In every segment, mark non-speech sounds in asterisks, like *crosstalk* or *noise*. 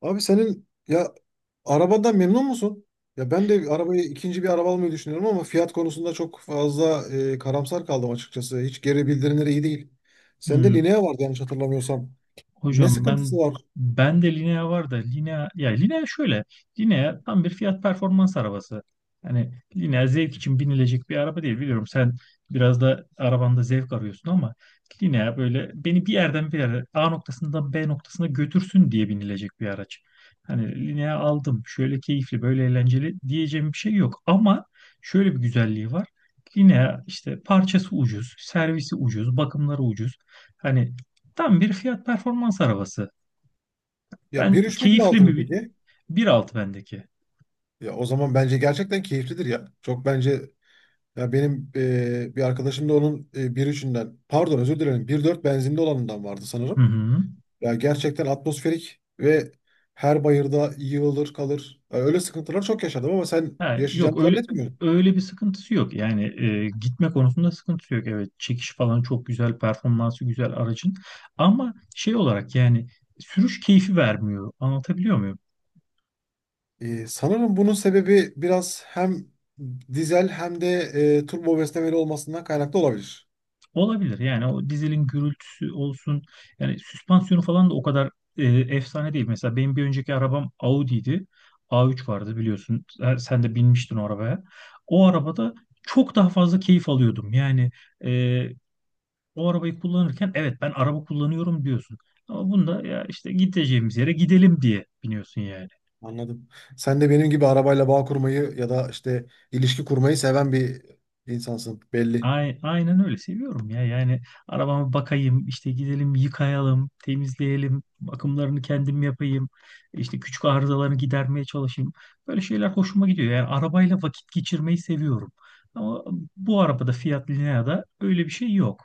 Abi senin ya arabadan memnun musun? Ya ben de arabayı ikinci bir araba almayı düşünüyorum ama fiyat konusunda çok fazla karamsar kaldım açıkçası. Hiç geri bildirimleri iyi değil. Sende Hmm, Linea vardı yanlış hatırlamıyorsam. Ne hocam, sıkıntısı ben var? ben de Linea var da Linea ya Linea şöyle Linea tam bir fiyat performans arabası. Hani Linea zevk için binilecek bir araba değil, biliyorum. Sen biraz da arabanda zevk arıyorsun, ama Linea böyle beni bir yerden bir yere, A noktasından B noktasına götürsün diye binilecek bir araç. Hani Linea aldım, şöyle keyifli, böyle eğlenceli diyeceğim bir şey yok, ama şöyle bir güzelliği var. Linea işte parçası ucuz, servisi ucuz, bakımları ucuz. Hani tam bir fiyat performans arabası. Ya Ben 1.3 mi keyifli 1.6 mı mi? Peki? 1.6 bendeki. Ya o zaman bence gerçekten keyiflidir ya. Çok bence ya benim bir arkadaşım da onun bir üçünden pardon özür dilerim bir dört benzinli olanından vardı Hı sanırım. hı. Ya gerçekten atmosferik ve her bayırda yığılır kalır. Ya öyle sıkıntılar çok yaşadım ama sen Ha, yok, yaşayacağını öyle zannetmiyorum. öyle bir sıkıntısı yok. Yani gitme konusunda sıkıntısı yok. Evet, çekiş falan çok güzel, performansı güzel aracın. Ama şey olarak yani sürüş keyfi vermiyor. Anlatabiliyor muyum? Sanırım bunun sebebi biraz hem dizel hem de turbo beslemeli olmasından kaynaklı olabilir. Olabilir yani, o dizelin gürültüsü olsun, yani süspansiyonu falan da o kadar efsane değil. Mesela benim bir önceki arabam Audi'ydi. A3 vardı, biliyorsun. Sen de binmiştin o arabaya. O arabada çok daha fazla keyif alıyordum. Yani e, o arabayı kullanırken evet ben araba kullanıyorum diyorsun. Ama bunda ya işte gideceğimiz yere gidelim diye biniyorsun yani. Anladım. Sen de benim gibi arabayla bağ kurmayı ya da işte ilişki kurmayı seven bir insansın belli. Aynen öyle seviyorum ya yani, arabama bakayım işte, gidelim yıkayalım temizleyelim, bakımlarını kendim yapayım, işte küçük arızalarını gidermeye çalışayım, böyle şeyler hoşuma gidiyor yani, arabayla vakit geçirmeyi seviyorum, ama bu arabada, Fiat Linea'da öyle bir şey yok.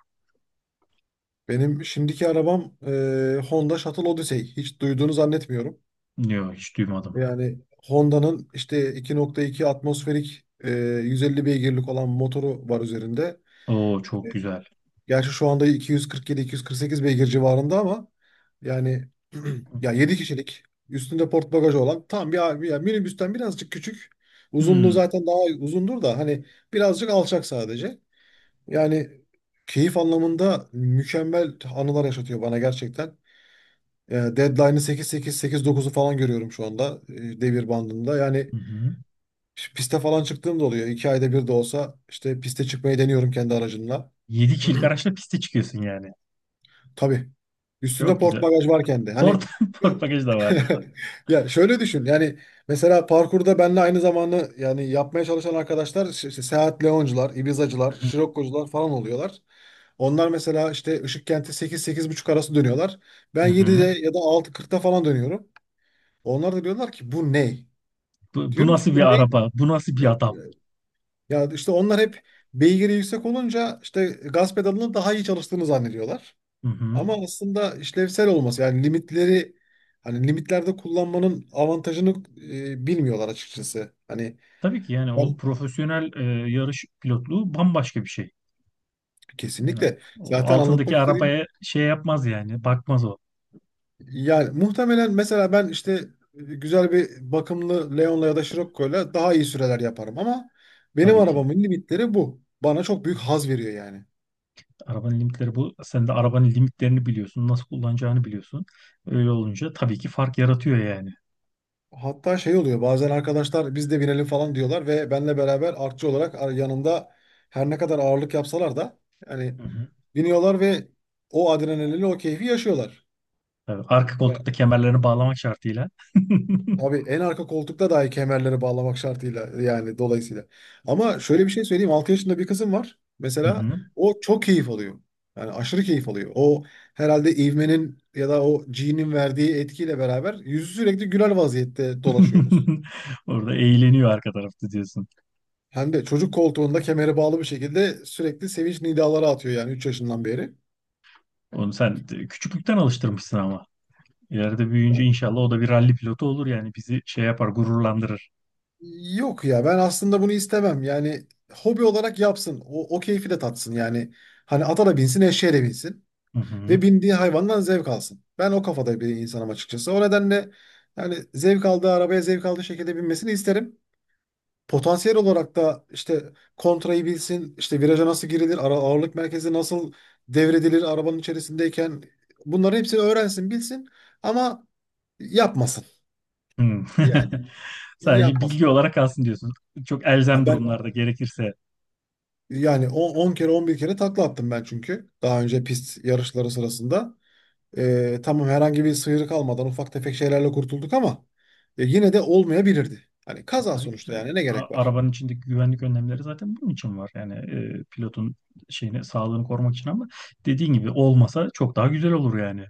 Benim şimdiki arabam Honda Shuttle Odyssey. Hiç duyduğunu zannetmiyorum. Yok, hiç duymadım. Yani Honda'nın işte 2.2 atmosferik 150 beygirlik olan motoru var üzerinde. Oo, çok güzel. Gerçi şu anda 247-248 beygir civarında ama yani *clears throat* ya 7 kişilik üstünde port bagajı olan tam bir minibüsten birazcık küçük. Uzunluğu Hmm. zaten daha uzundur da hani birazcık alçak sadece. Yani keyif anlamında mükemmel anılar yaşatıyor bana gerçekten. Deadline'ı 8-8-8-9'u falan görüyorum şu anda devir bandında. Yani Hı hı. İşte piste falan çıktığım da oluyor. İki ayda bir de olsa işte piste çıkmayı deniyorum kendi aracımla. 7 kişilik araçla piste çıkıyorsun yani. Tabii. Üstünde Çok port güzel. bagaj varken de. Ford, Hani *laughs* Ford bagaj da var. *laughs* ya şöyle düşün. Yani mesela parkurda benle aynı zamanda yani yapmaya çalışan arkadaşlar işte Seat Leoncular, Ibizacılar, Hı hı. Scirocco'cular falan oluyorlar. Onlar mesela işte Işıkkent'e 8 buçuk arası dönüyorlar. Hı Ben 7'de hı. ya da 6.40'da falan dönüyorum. Onlar da diyorlar ki bu ne? Bu Diyorum ki nasıl bu bir ne? araba? Bu nasıl bir Ya, adam? Ya, işte onlar hep beygiri yüksek olunca işte gaz pedalını daha iyi çalıştığını zannediyorlar. Hı hı. Ama aslında işlevsel olması yani limitleri hani limitlerde kullanmanın avantajını bilmiyorlar açıkçası. Hani Tabii ki yani o ben profesyonel yarış pilotluğu bambaşka bir şey. Yani kesinlikle o zaten altındaki anlatmak istediğim arabaya şey yapmaz yani, bakmaz o, yani muhtemelen mesela ben işte güzel bir bakımlı Leon'la ya da Scirocco'yla daha iyi süreler yaparım ama benim tabii ki. arabamın limitleri bu. Bana çok Hı büyük hı. haz veriyor yani. Arabanın limitleri bu. Sen de arabanın limitlerini biliyorsun, nasıl kullanacağını biliyorsun. Öyle olunca tabii ki fark yaratıyor yani. Hatta şey oluyor bazen arkadaşlar biz de binelim falan diyorlar ve benle beraber artçı olarak yanında her ne kadar ağırlık yapsalar da yani Hı hı. biniyorlar ve o adrenalini o keyfi yaşıyorlar. Tabii, arka Ya, koltukta kemerlerini bağlamak şartıyla. *laughs* tabii en arka koltukta dahi kemerleri bağlamak şartıyla yani dolayısıyla. Ama şöyle bir şey söyleyeyim 6 yaşında bir kızım var Hı mesela hı. o çok keyif alıyor. Yani aşırı keyif alıyor. O herhalde ivmenin ya da o G'nin verdiği etkiyle beraber yüzü sürekli güler vaziyette dolaşıyoruz. *laughs* Orada eğleniyor arka tarafta diyorsun. Hem de çocuk koltuğunda kemere bağlı bir şekilde sürekli sevinç nidaları atıyor yani 3 yaşından beri. Onu sen küçüklükten alıştırmışsın ama. İleride büyüyünce Yani inşallah o da bir ralli pilotu olur yani, bizi şey yapar, gururlandırır. yok ya ben aslında bunu istemem. Yani hobi olarak yapsın. O keyfi de tatsın yani. Hani ata da binsin, eşeğe de binsin. Hı Ve hı. bindiği hayvandan zevk alsın. Ben o kafada bir insanım açıkçası. O nedenle yani zevk aldığı arabaya zevk aldığı şekilde binmesini isterim. Potansiyel olarak da işte kontrayı bilsin, işte viraja nasıl girilir, ara ağırlık merkezi nasıl devredilir arabanın içerisindeyken bunların hepsini öğrensin, bilsin ama yapmasın. Hı. Yani *laughs* Sadece yapmasın. bilgi olarak kalsın diyorsun. Çok Ha elzem ben durumlarda gerekirse. yani 10 kere 11 kere takla attım ben çünkü daha önce pist yarışları sırasında. Tamam herhangi bir sıyrık almadan ufak tefek şeylerle kurtulduk ama yine de olmayabilirdi. Hani kaza Tabii ki sonuçta canım. yani ne gerek var? Arabanın içindeki güvenlik önlemleri zaten bunun için var. Yani pilotun şeyini, sağlığını korumak için, ama dediğin gibi olmasa çok daha güzel olur yani.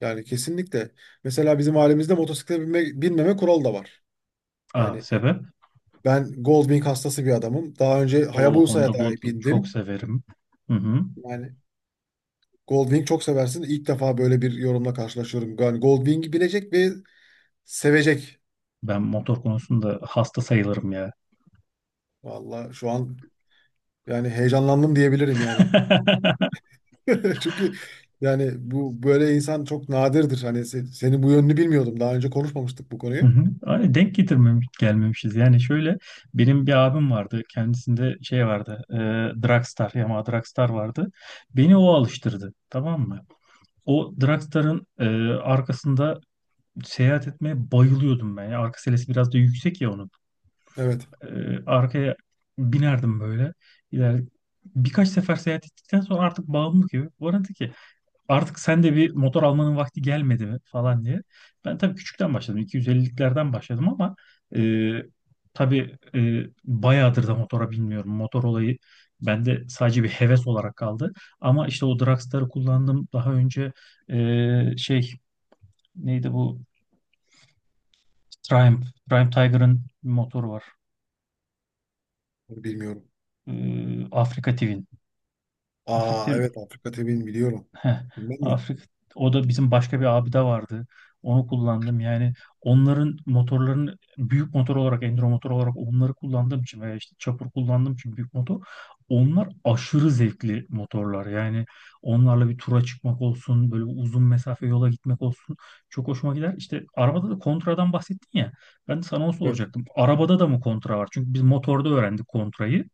Yani kesinlikle. Mesela bizim ailemizde motosiklete binme, binmeme kuralı da var. Aa, Yani sebep? ben Goldwing hastası bir adamım. Daha önce O Honda Hayabusa'ya da Goldwing çok bindim. severim. Hı hı. Yani Goldwing çok seversin. İlk defa böyle bir yorumla karşılaşıyorum. Yani Goldwing'i bilecek ve sevecek. Ben motor konusunda hasta sayılırım ya. Valla şu an yani heyecanlandım diyebilirim yani. *laughs* *laughs* Çünkü yani bu böyle insan çok nadirdir. Hani senin bu yönünü bilmiyordum. Daha önce konuşmamıştık bu Hı konuyu. hı. Ay, denk getirmemiş, gelmemişiz. Yani şöyle, benim bir abim vardı. Kendisinde şey vardı. Dragstar, Yamaha Dragstar vardı. Beni o alıştırdı. Tamam mı? O Dragstar'ın arkasında seyahat etmeye bayılıyordum ben. Ya, arka selesi biraz da yüksek ya onun. Evet, E, Arkaya binerdim böyle. İler, Birkaç sefer seyahat ettikten sonra artık bağımlı gibi. Bana dedi ki artık sen de bir motor almanın vakti gelmedi mi falan diye. Ben tabii küçükten başladım. 250'liklerden başladım, ama e, tabii bayağıdır da motora binmiyorum. Motor olayı bende sadece bir heves olarak kaldı. Ama işte o Dragstar'ı kullandım. Daha önce şey neydi bu? Triumph. Triumph Tiger'ın bir motoru var. bunu bilmiyorum. E, Afrika Twin. Afrika Aa evet Afrika tebirini biliyorum. Heh, Bilmem mi? Afrika, o da bizim başka bir abi de vardı. Onu kullandım. Yani onların, motorların, büyük motor olarak, enduro motor olarak onları kullandığım için, veya işte çapur kullandığım için büyük motor. Onlar aşırı zevkli motorlar. Yani onlarla bir tura çıkmak olsun, böyle uzun mesafe yola gitmek olsun, çok hoşuma gider. İşte arabada da kontradan bahsettin ya. Ben de sana onu Evet. soracaktım. Arabada da mı kontra var? Çünkü biz motorda öğrendik kontrayı.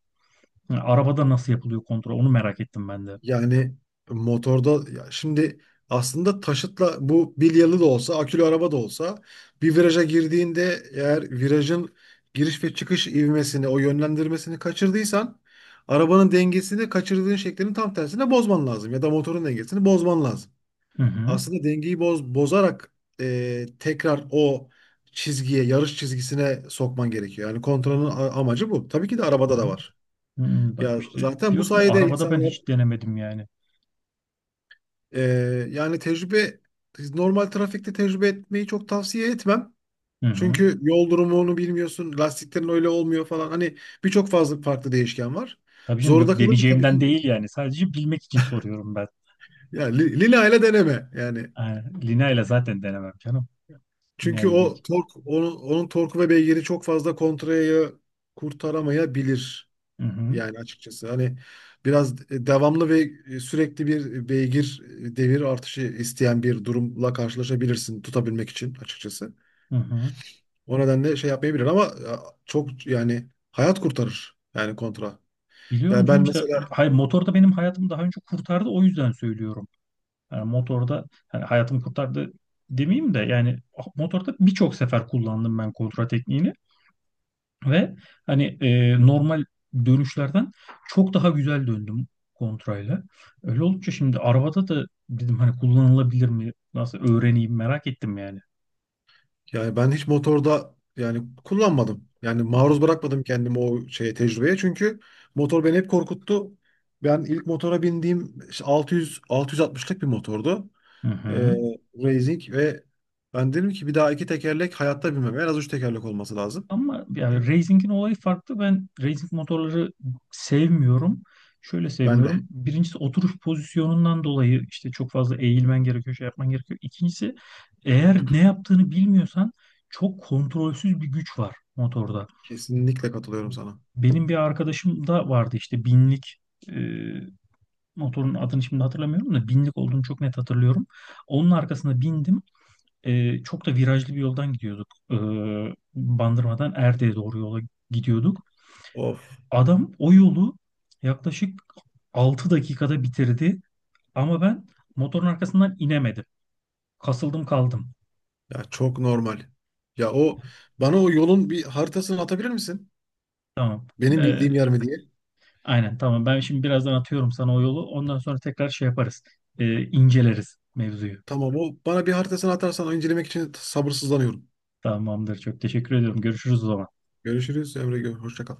Yani arabada nasıl yapılıyor kontra? Onu merak ettim ben de. Yani motorda ya şimdi aslında taşıtla bu bilyalı da olsa akülü araba da olsa bir viraja girdiğinde eğer virajın giriş ve çıkış ivmesini o yönlendirmesini kaçırdıysan arabanın dengesini kaçırdığın şeklinin tam tersine bozman lazım ya da motorun dengesini bozman lazım. Hı hı. Aslında dengeyi bozarak tekrar o çizgiye yarış çizgisine sokman gerekiyor. Yani kontrolün amacı bu. Tabii ki de Hı arabada da hı. var. Bak Ya işte zaten bu diyorum ya, sayede arabada ben insanlar hiç denemedim yani. Ee, yani tecrübe normal trafikte tecrübe etmeyi çok tavsiye etmem. Hı hı. Çünkü yol durumunu bilmiyorsun, lastiklerin öyle olmuyor falan. Hani birçok fazla farklı değişken var. Tabii canım, Zorunda yok kalınca tabii deneyeceğimden ki değil yani. Sadece bilmek için soruyorum ben. yani Lina ile deneme yani. Yani, Lina ile zaten denemem canım. Çünkü Lina'yı geç. o tork onun torku ve beygiri çok fazla kontrayı kurtaramayabilir Hı hı. yani açıkçası. Hani biraz devamlı ve sürekli bir beygir devir artışı isteyen bir durumla karşılaşabilirsin tutabilmek için açıkçası. Hı hı. O nedenle şey yapmayabilir ama ya, çok yani hayat kurtarır yani kontra. Biliyorum Yani canım, ben işte mesela hayır, motor da benim hayatımı daha önce kurtardı, o yüzden söylüyorum. Yani motorda hani hayatımı kurtardı demeyeyim de yani, motorda birçok sefer kullandım ben kontra tekniğini. Ve hani, normal dönüşlerden çok daha güzel döndüm kontrayla. Öyle olunca şimdi arabada da dedim, hani kullanılabilir mi? Nasıl öğreneyim merak ettim yani. yani ben hiç motorda yani kullanmadım. Yani Hı hı. maruz bırakmadım kendimi o şeye tecrübeye çünkü motor beni hep korkuttu. Ben ilk motora bindiğim işte 600 660'lık bir motordu. Hı Ee, hı. Racing ve ben dedim ki bir daha iki tekerlek hayatta binmem. En az üç tekerlek olması lazım. Ama yani Çünkü racing'in olayı farklı. Ben racing motorları sevmiyorum. Şöyle ben de sevmiyorum. Birincisi, oturuş pozisyonundan dolayı işte çok fazla eğilmen gerekiyor, şey yapman gerekiyor. İkincisi, eğer ne yaptığını bilmiyorsan, çok kontrolsüz bir güç var motorda. kesinlikle katılıyorum sana. Benim bir arkadaşım da vardı, işte binlik, e, motorun adını şimdi hatırlamıyorum da binlik olduğunu çok net hatırlıyorum. Onun arkasına bindim. Çok da virajlı bir yoldan gidiyorduk. Bandırma'dan Erde'ye doğru yola gidiyorduk. Of. Adam o yolu yaklaşık 6 dakikada bitirdi, ama ben motorun arkasından inemedim. Kasıldım kaldım. Ya çok normal. Ya o bana o yolun bir haritasını atabilir misin? Tamam. Benim bildiğim E, yer mi diye. aynen tamam. Ben şimdi birazdan atıyorum sana o yolu. Ondan sonra tekrar şey yaparız. İnceleriz mevzuyu. Tamam o bana bir haritasını atarsan incelemek için sabırsızlanıyorum. Tamamdır. Çok teşekkür ediyorum. Görüşürüz o zaman. Görüşürüz Emre. Hoşça kal.